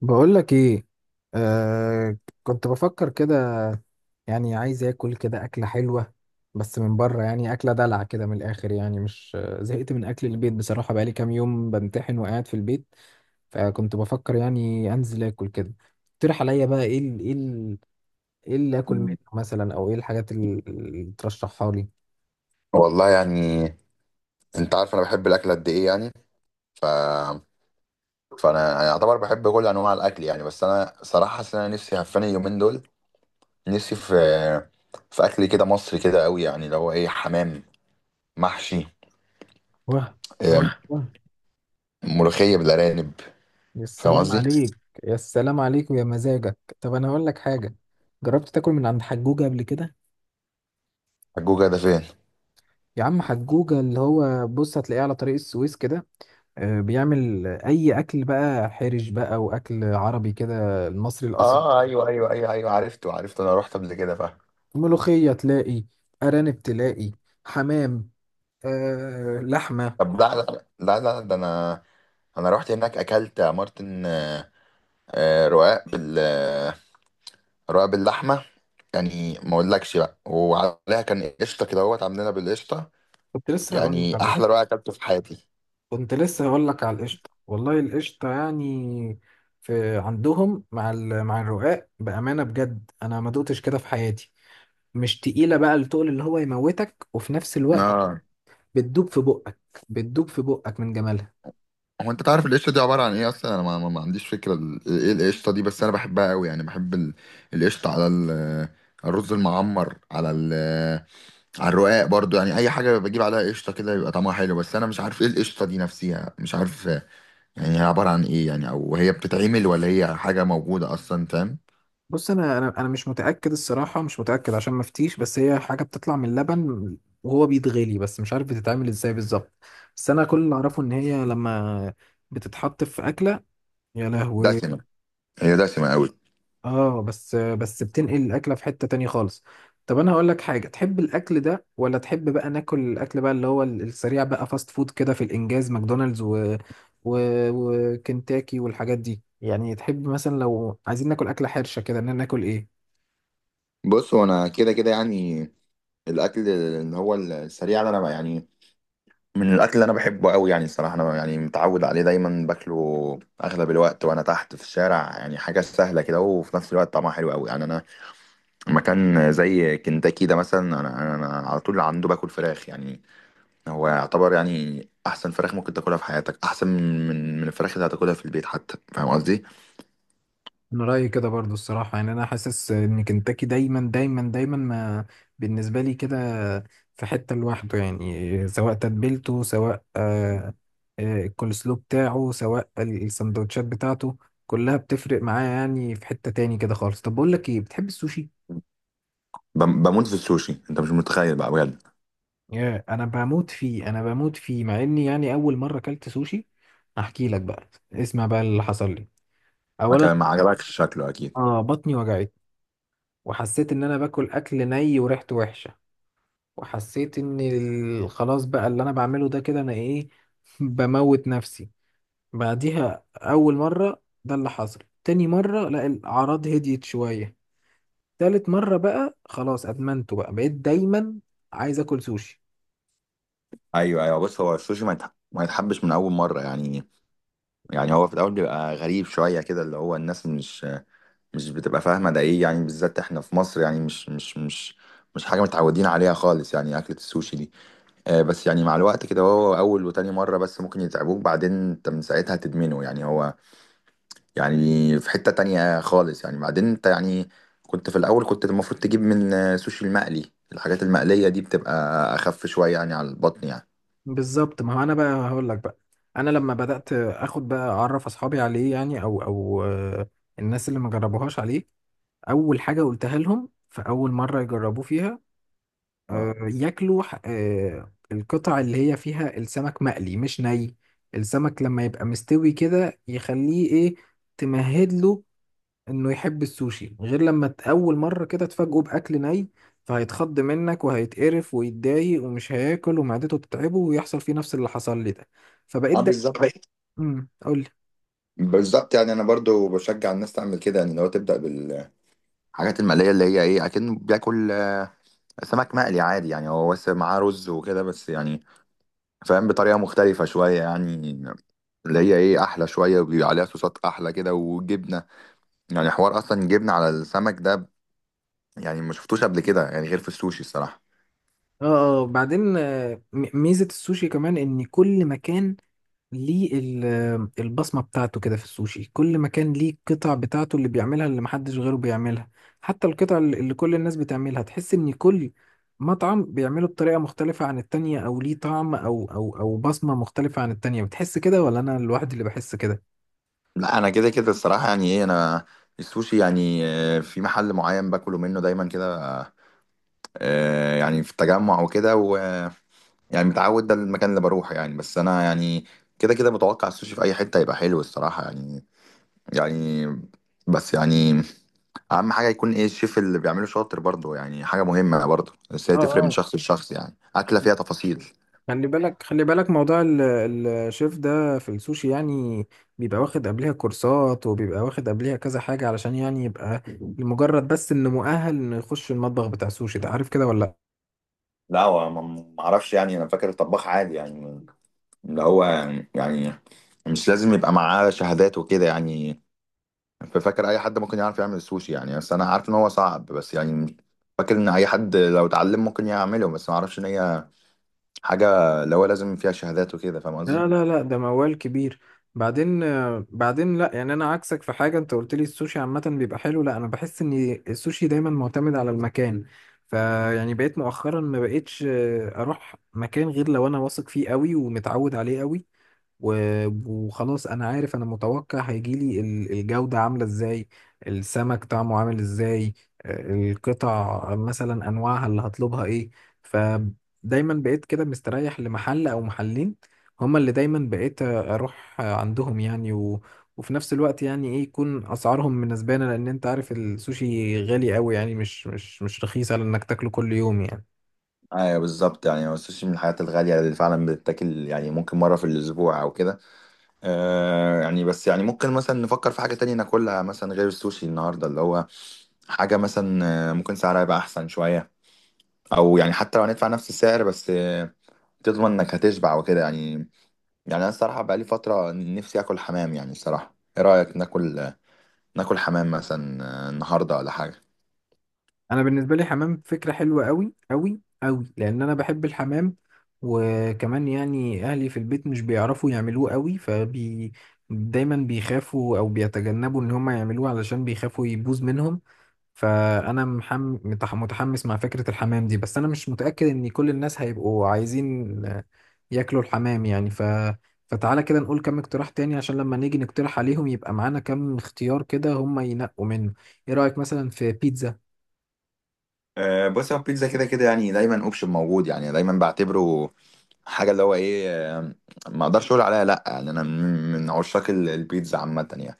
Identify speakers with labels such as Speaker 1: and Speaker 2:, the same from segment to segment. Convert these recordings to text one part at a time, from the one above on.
Speaker 1: بقول لك ايه؟ آه، كنت بفكر كده. يعني عايز اكل كده اكله حلوه بس من بره، يعني اكله دلع كده من الاخر. يعني مش زهقت من اكل البيت بصراحه، بقالي كام يوم بمتحن وقاعد في البيت. فكنت بفكر يعني انزل اكل كده. اقترح عليا بقى ايه اللي اكل منه
Speaker 2: مم.
Speaker 1: مثلا، او ايه الحاجات اللي ترشحها لي.
Speaker 2: والله يعني، انت عارف انا بحب الاكل قد ايه يعني. ف... فانا اعتبر بحب كل انواع الاكل يعني، بس انا صراحه حاسس ان انا نفسي هفاني اليومين دول. نفسي في، في اكل كده مصري كده قوي، يعني اللي هو ايه، حمام محشي،
Speaker 1: واه،
Speaker 2: آه،
Speaker 1: ايوه.
Speaker 2: ملوخيه بالارانب،
Speaker 1: يا
Speaker 2: فاهم
Speaker 1: سلام
Speaker 2: قصدي؟
Speaker 1: عليك. يا سلام عليك ويا مزاجك. طب انا اقول لك حاجه، جربت تاكل من عند حجوجه قبل كده؟
Speaker 2: الجوجا ده فين؟
Speaker 1: يا عم، حجوجة اللي هو، بص، هتلاقيه على طريق السويس كده. آه، بيعمل أي أكل بقى، حرش بقى وأكل عربي كده، المصري الأصيل.
Speaker 2: اه، ايوه ايوه ايوه ايوه، عرفته عرفته، انا رحت قبل كده، فاهم.
Speaker 1: ملوخية تلاقي، أرانب تلاقي، حمام، آه لحمة.
Speaker 2: طب لا لا لا لا، ده انا رحت هناك اكلت يا مارتن. آه، رقاق بال آه، رقاق باللحمه. يعني ما اقولكش بقى، وعليها كان قشطه كده، اهوت عاملينها بالقشطه.
Speaker 1: كنت لسه هقول لك
Speaker 2: يعني
Speaker 1: على
Speaker 2: احلى
Speaker 1: القشطة.
Speaker 2: رقاق اكلته في حياتي.
Speaker 1: كنت لسه هقول لك على القشطة، والله القشطة يعني في عندهم مع مع الرقاق، بأمانة بجد، أنا ما دقتش كده في حياتي. مش تقيلة بقى التقل اللي هو يموتك، وفي نفس الوقت
Speaker 2: اه،
Speaker 1: بتدوب في بقك. بتدوب في بقك من جمالها.
Speaker 2: هو انت تعرف القشطه دي عباره عن ايه اصلا؟ انا ما عنديش فكره ايه القشطه دي، بس انا بحبها قوي يعني. بحب القشطه على الرز المعمر، على الرقاق برضو. يعني اي حاجه بجيب عليها قشطه كده يبقى طعمها حلو، بس انا مش عارف ايه القشطه دي نفسها، مش عارف يعني. هي عباره عن ايه يعني؟ او هي بتتعمل، ولا هي حاجه موجوده اصلا؟ فاهم؟
Speaker 1: بص انا مش متاكد الصراحه، مش متاكد عشان ما افتيش، بس هي حاجه بتطلع من اللبن وهو بيتغلي، بس مش عارف بتتعمل ازاي بالظبط. بس انا كل اللي اعرفه ان هي لما بتتحط في اكله، يا لهوي.
Speaker 2: دسمه، هي دسمه قوي.
Speaker 1: اه، بس بتنقل الاكله في حته تانية خالص. طب انا هقول لك حاجه، تحب الاكل ده ولا تحب بقى ناكل الاكل بقى اللي هو السريع بقى، فاست فود كده، في الانجاز، ماكدونالدز و... وكنتاكي والحاجات دي؟ يعني تحب مثلا لو عايزين ناكل اكله حرشه كده، ان ناكل ايه؟
Speaker 2: بص، هو انا كده كده يعني، الاكل اللي هو السريع ده، انا بقى يعني، من الاكل اللي انا بحبه قوي يعني. الصراحه انا يعني متعود عليه، دايما باكله اغلب الوقت وانا تحت في الشارع. يعني حاجه سهله كده، وفي نفس الوقت طعمها حلو قوي يعني. انا، مكان زي كنتاكي ده مثلا، انا على طول عنده باكل فراخ يعني. هو يعتبر يعني احسن فراخ ممكن تاكلها في حياتك، احسن من الفراخ اللي هتاكلها في البيت حتى، فاهم قصدي؟
Speaker 1: انا رايي كده برضو الصراحه، يعني انا حاسس ان كنتاكي دايما دايما دايما، ما بالنسبه لي كده، في حته لوحده. يعني سواء تتبيلته، سواء الكولسلو بتاعه، سواء السندوتشات بتاعته، كلها بتفرق معايا، يعني في حته تاني كده خالص. طب بقول لك ايه، بتحب السوشي؟
Speaker 2: بموت في السوشي، انت مش متخيل بقى، بجد.
Speaker 1: يا انا بموت فيه، انا بموت فيه، مع اني يعني اول مره اكلت سوشي، احكي لك بقى، اسمع بقى اللي حصل لي.
Speaker 2: ما
Speaker 1: اولا،
Speaker 2: كان ما عجبكش شكله اكيد.
Speaker 1: اه، بطني وجعت، وحسيت ان انا باكل اكل ني وريحته وحشه، وحسيت ان خلاص بقى، اللي انا بعمله ده كده انا ايه، بموت نفسي. بعديها اول مرة ده اللي حصل. تاني مرة، لا، الاعراض هديت شوية. تالت مرة بقى خلاص، ادمنته بقى، بقيت دايما عايز اكل سوشي.
Speaker 2: ايوه ايوه، بص هو السوشي ما يتحبش من اول مره يعني. يعني هو في الاول بيبقى غريب شويه كده، اللي هو الناس مش بتبقى فاهمه ده ايه يعني، بالذات احنا في مصر يعني، مش حاجه متعودين عليها خالص يعني، اكله السوشي دي. آه، بس يعني مع الوقت كده، هو اول وتاني مره بس ممكن يتعبوك، بعدين انت من ساعتها تدمنه يعني. هو يعني في حته تانية خالص يعني. بعدين انت يعني، كنت في الاول كنت المفروض تجيب من سوشي المقلي. الحاجات المقليه دي بتبقى اخف شويه يعني، على البطن يعني.
Speaker 1: بالظبط، ما هو انا بقى هقول لك بقى، انا لما بدأت اخد بقى اعرف اصحابي عليه، يعني او الناس اللي ما جربوهاش عليه، اول حاجة قلتها لهم في اول مرة يجربوه فيها،
Speaker 2: اه
Speaker 1: ياكلوا القطع اللي هي فيها السمك مقلي مش ني. السمك لما يبقى مستوي كده يخليه ايه، تمهد له انه يحب السوشي، غير لما اول مرة كده تفاجئه باكل ني، فهيتخض منك وهيتقرف ويتضايق ومش هياكل ومعدته تتعبه، ويحصل فيه نفس اللي حصل لي ده. فبقيت
Speaker 2: اه،
Speaker 1: ده،
Speaker 2: بالظبط
Speaker 1: قول لي.
Speaker 2: بالظبط. يعني انا برضو بشجع الناس تعمل كده يعني، لو تبدا الحاجات المقلية اللي هي ايه، اكنه بياكل سمك مقلي عادي يعني. هو بس معاه رز وكده بس يعني، فاهم؟ بطريقة مختلفة شوية يعني، اللي هي ايه، احلى شويه وبيبقى عليها صوصات احلى كده وجبنه. يعني حوار اصلا جبنه على السمك ده، يعني ما شفتوش قبل كده يعني غير في السوشي الصراحه.
Speaker 1: اه، بعدين ميزة السوشي كمان ان كل مكان ليه البصمة بتاعته كده. في السوشي كل مكان ليه القطع بتاعته اللي بيعملها، اللي محدش غيره بيعملها. حتى القطع اللي كل الناس بتعملها، تحس ان كل مطعم بيعمله بطريقة مختلفة عن التانية، او ليه طعم او بصمة مختلفة عن التانية. بتحس كده، ولا انا الواحد اللي بحس كده؟
Speaker 2: لا، انا كده كده الصراحه، يعني ايه، انا السوشي يعني، في محل معين باكله منه دايما كده، يعني في التجمع وكده. يعني متعود، ده المكان اللي بروحه يعني. بس انا يعني كده كده متوقع السوشي في اي حته هيبقى حلو الصراحه يعني. يعني، بس يعني اهم حاجه يكون ايه الشيف اللي بيعمله شاطر برضه، يعني حاجه مهمه برضه، بس هي
Speaker 1: اه،
Speaker 2: تفرق من
Speaker 1: اه،
Speaker 2: شخص لشخص يعني. اكله فيها تفاصيل.
Speaker 1: خلي بالك، خلي بالك موضوع الشيف ده في السوشي يعني، بيبقى واخد قبلها كورسات، وبيبقى واخد قبلها كذا حاجة، علشان يعني يبقى لمجرد بس انه مؤهل انه يخش المطبخ بتاع السوشي ده، عارف كده ولا؟
Speaker 2: لا، هو ما اعرفش يعني، انا فاكر طباخ عادي يعني، اللي هو يعني مش لازم يبقى معاه شهادات وكده يعني. ففاكر اي حد ممكن يعرف يعمل السوشي يعني، بس انا عارف ان هو صعب بس يعني. فاكر ان اي حد لو اتعلم ممكن يعمله، بس ما اعرفش ان هي حاجة اللي هو لازم فيها شهادات وكده، فاهم قصدي؟
Speaker 1: لا لا لا، ده موال كبير. بعدين بعدين، لا يعني انا عكسك في حاجه، انت قلت لي السوشي عامه بيبقى حلو، لا، انا بحس ان السوشي دايما معتمد على المكان. فيعني بقيت مؤخرا ما بقيتش اروح مكان غير لو انا واثق فيه قوي ومتعود عليه قوي، وخلاص انا عارف، انا متوقع هيجيلي الجودة عاملة ازاي، السمك طعمه عامل ازاي، القطع مثلا انواعها اللي هطلبها ايه. فدايما بقيت كده مستريح لمحل او محلين، هما اللي دايما بقيت اروح عندهم يعني، وفي نفس الوقت يعني ايه، يكون اسعارهم مناسبانه، لان انت عارف السوشي غالي قوي، يعني مش رخيص على انك تاكله كل يوم يعني.
Speaker 2: ايوه بالظبط. يعني هو السوشي من الحاجات الغالية اللي فعلا بتتاكل يعني، ممكن مرة في الأسبوع أو كده. آه يعني، بس يعني ممكن مثلا نفكر في حاجة تانية ناكلها مثلا غير السوشي النهاردة، اللي هو حاجة مثلا ممكن سعرها يبقى أحسن شوية، أو يعني حتى لو هندفع نفس السعر بس تضمن إنك هتشبع وكده يعني. يعني أنا الصراحة بقالي فترة نفسي آكل حمام يعني. الصراحة إيه رأيك، ناكل ناكل حمام مثلا النهاردة، ولا حاجة؟
Speaker 1: انا بالنسبه لي حمام فكره حلوه قوي قوي قوي، لان انا بحب الحمام. وكمان يعني اهلي في البيت مش بيعرفوا يعملوه قوي، فبي دايما بيخافوا او بيتجنبوا ان هم يعملوه، علشان بيخافوا يبوظ منهم. فانا متحمس مع فكره الحمام دي، بس انا مش متاكد ان كل الناس هيبقوا عايزين ياكلوا الحمام يعني. فتعالى كده نقول كم اقتراح تاني، عشان لما نيجي نقترح عليهم يبقى معانا كم اختيار كده هم ينقوا منه. ايه رايك مثلا في بيتزا؟
Speaker 2: بص، هو البيتزا كده كده يعني دايما اوبشن موجود يعني، دايما بعتبره حاجه اللي هو ايه، آه، ما اقدرش اقول عليها لا يعني. انا من عشاق البيتزا عامه يعني.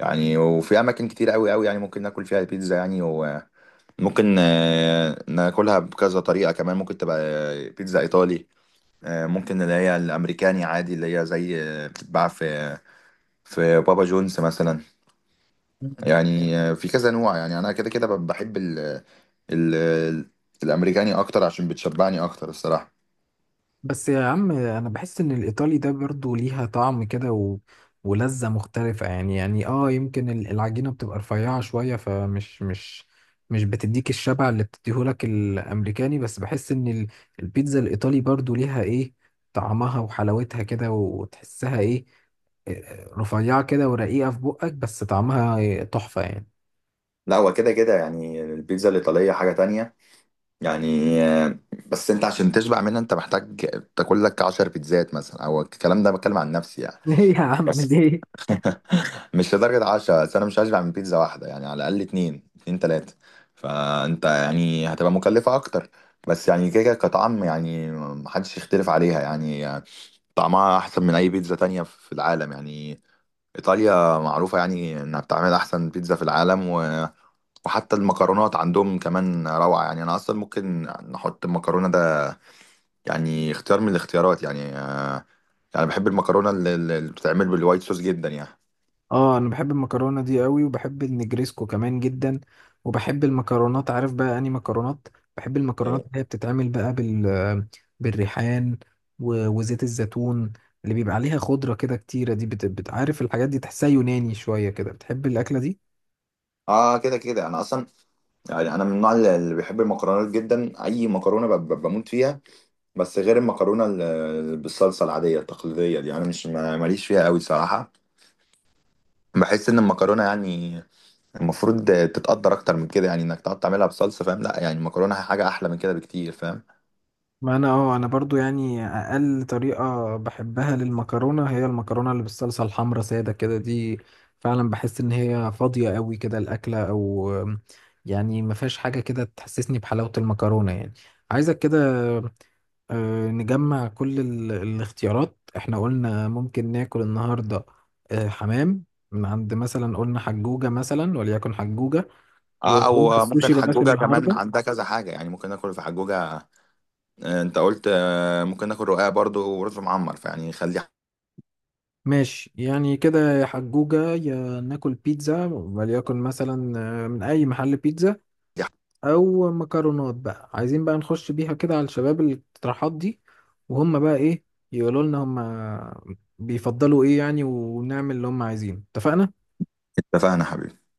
Speaker 2: يعني وفي اماكن كتير قوي قوي يعني ممكن ناكل فيها البيتزا يعني، وممكن ناكلها بكذا طريقه كمان. ممكن تبقى بيتزا ايطالي، ممكن اللي هي الامريكاني عادي، اللي هي زي بتتباع في في بابا جونز مثلا. يعني في كذا نوع يعني. انا كده كده بحب ال ال- الامريكاني اكتر، عشان بتشبعني اكتر الصراحه.
Speaker 1: بس يا عم، انا بحس ان الايطالي ده برضو ليها طعم كده، ولذة مختلفة يعني. يعني اه، يمكن العجينة بتبقى رفيعة شوية، فمش مش مش بتديك الشبع اللي بتديهولك الامريكاني، بس بحس ان البيتزا الايطالي برضو ليها ايه، طعمها وحلاوتها كده، وتحسها ايه رفيعة كده ورقيقة في بقك، بس طعمها إيه، تحفة يعني.
Speaker 2: لا، هو كده كده يعني البيتزا الايطاليه حاجه تانية يعني. بس انت عشان تشبع منها انت محتاج تاكل لك 10 بيتزات مثلا، او الكلام ده بتكلم عن نفسي يعني.
Speaker 1: ليه يا عم
Speaker 2: بس
Speaker 1: ليه.
Speaker 2: مش لدرجه 10، بس انا مش هشبع من بيتزا واحده يعني، على الاقل اتنين، اتنين تلاته. فانت يعني هتبقى مكلفه اكتر. بس يعني كده كده كطعم، يعني محدش يختلف عليها يعني. طعمها احسن من اي بيتزا تانية في العالم يعني. ايطاليا معروفة يعني انها بتعمل احسن بيتزا في العالم. وحتى المكرونات عندهم كمان روعة يعني. انا اصلا ممكن نحط المكرونة ده يعني اختيار من الاختيارات يعني. يعني بحب المكرونة اللي بتتعمل بالوايت صوص جدا يعني.
Speaker 1: اه، انا بحب المكرونه دي قوي، وبحب النجريسكو كمان جدا، وبحب المكرونات، عارف بقى اني مكرونات، بحب المكرونات
Speaker 2: إيه.
Speaker 1: اللي هي بتتعمل بقى بالريحان وزيت الزيتون، اللي بيبقى عليها خضره كده كتيره دي، عارف الحاجات دي تحسها يوناني شويه كده، بتحب الاكله دي.
Speaker 2: اه كده كده انا اصلا، يعني انا من النوع اللي بيحب المكرونات جدا. اي مكرونه بموت فيها. بس غير المكرونه بالصلصه العاديه التقليديه دي، انا مش ماليش فيها قوي صراحه. بحس ان المكرونه يعني المفروض تتقدر اكتر من كده يعني، انك تقعد تعملها بصلصه، فاهم؟ لا، يعني المكرونه حاجه احلى من كده بكتير، فاهم؟
Speaker 1: ما انا اه، انا برضو يعني اقل طريقة بحبها للمكرونة هي المكرونة اللي بالصلصة الحمرا سادة كده دي، فعلا بحس ان هي فاضية قوي كده الاكلة. او يعني ما فيهاش حاجة كده تحسسني بحلاوة المكرونة يعني. عايزك كده نجمع كل الاختيارات احنا قلنا ممكن ناكل النهاردة. حمام من عند مثلا قلنا حجوجة، مثلا وليكن حجوجة.
Speaker 2: اه،
Speaker 1: وقلنا
Speaker 2: او ممكن
Speaker 1: السوشي بلاش
Speaker 2: حجوجه كمان
Speaker 1: النهاردة.
Speaker 2: عندها كذا حاجه يعني، ممكن ناكل في حجوجه. انت قلت، ممكن ناكل رقاق برضو، ورز معمر، فيعني خلي.
Speaker 1: ماشي، يعني كده يا حجوجة يا ناكل بيتزا، وليكن مثلا من أي محل بيتزا، أو مكرونات بقى. عايزين بقى نخش بيها كده على الشباب الاقتراحات دي، وهم بقى إيه يقولوا لنا، هم بيفضلوا إيه يعني، ونعمل اللي هم عايزينه. اتفقنا؟
Speaker 2: اتفقنا يا حبيبي.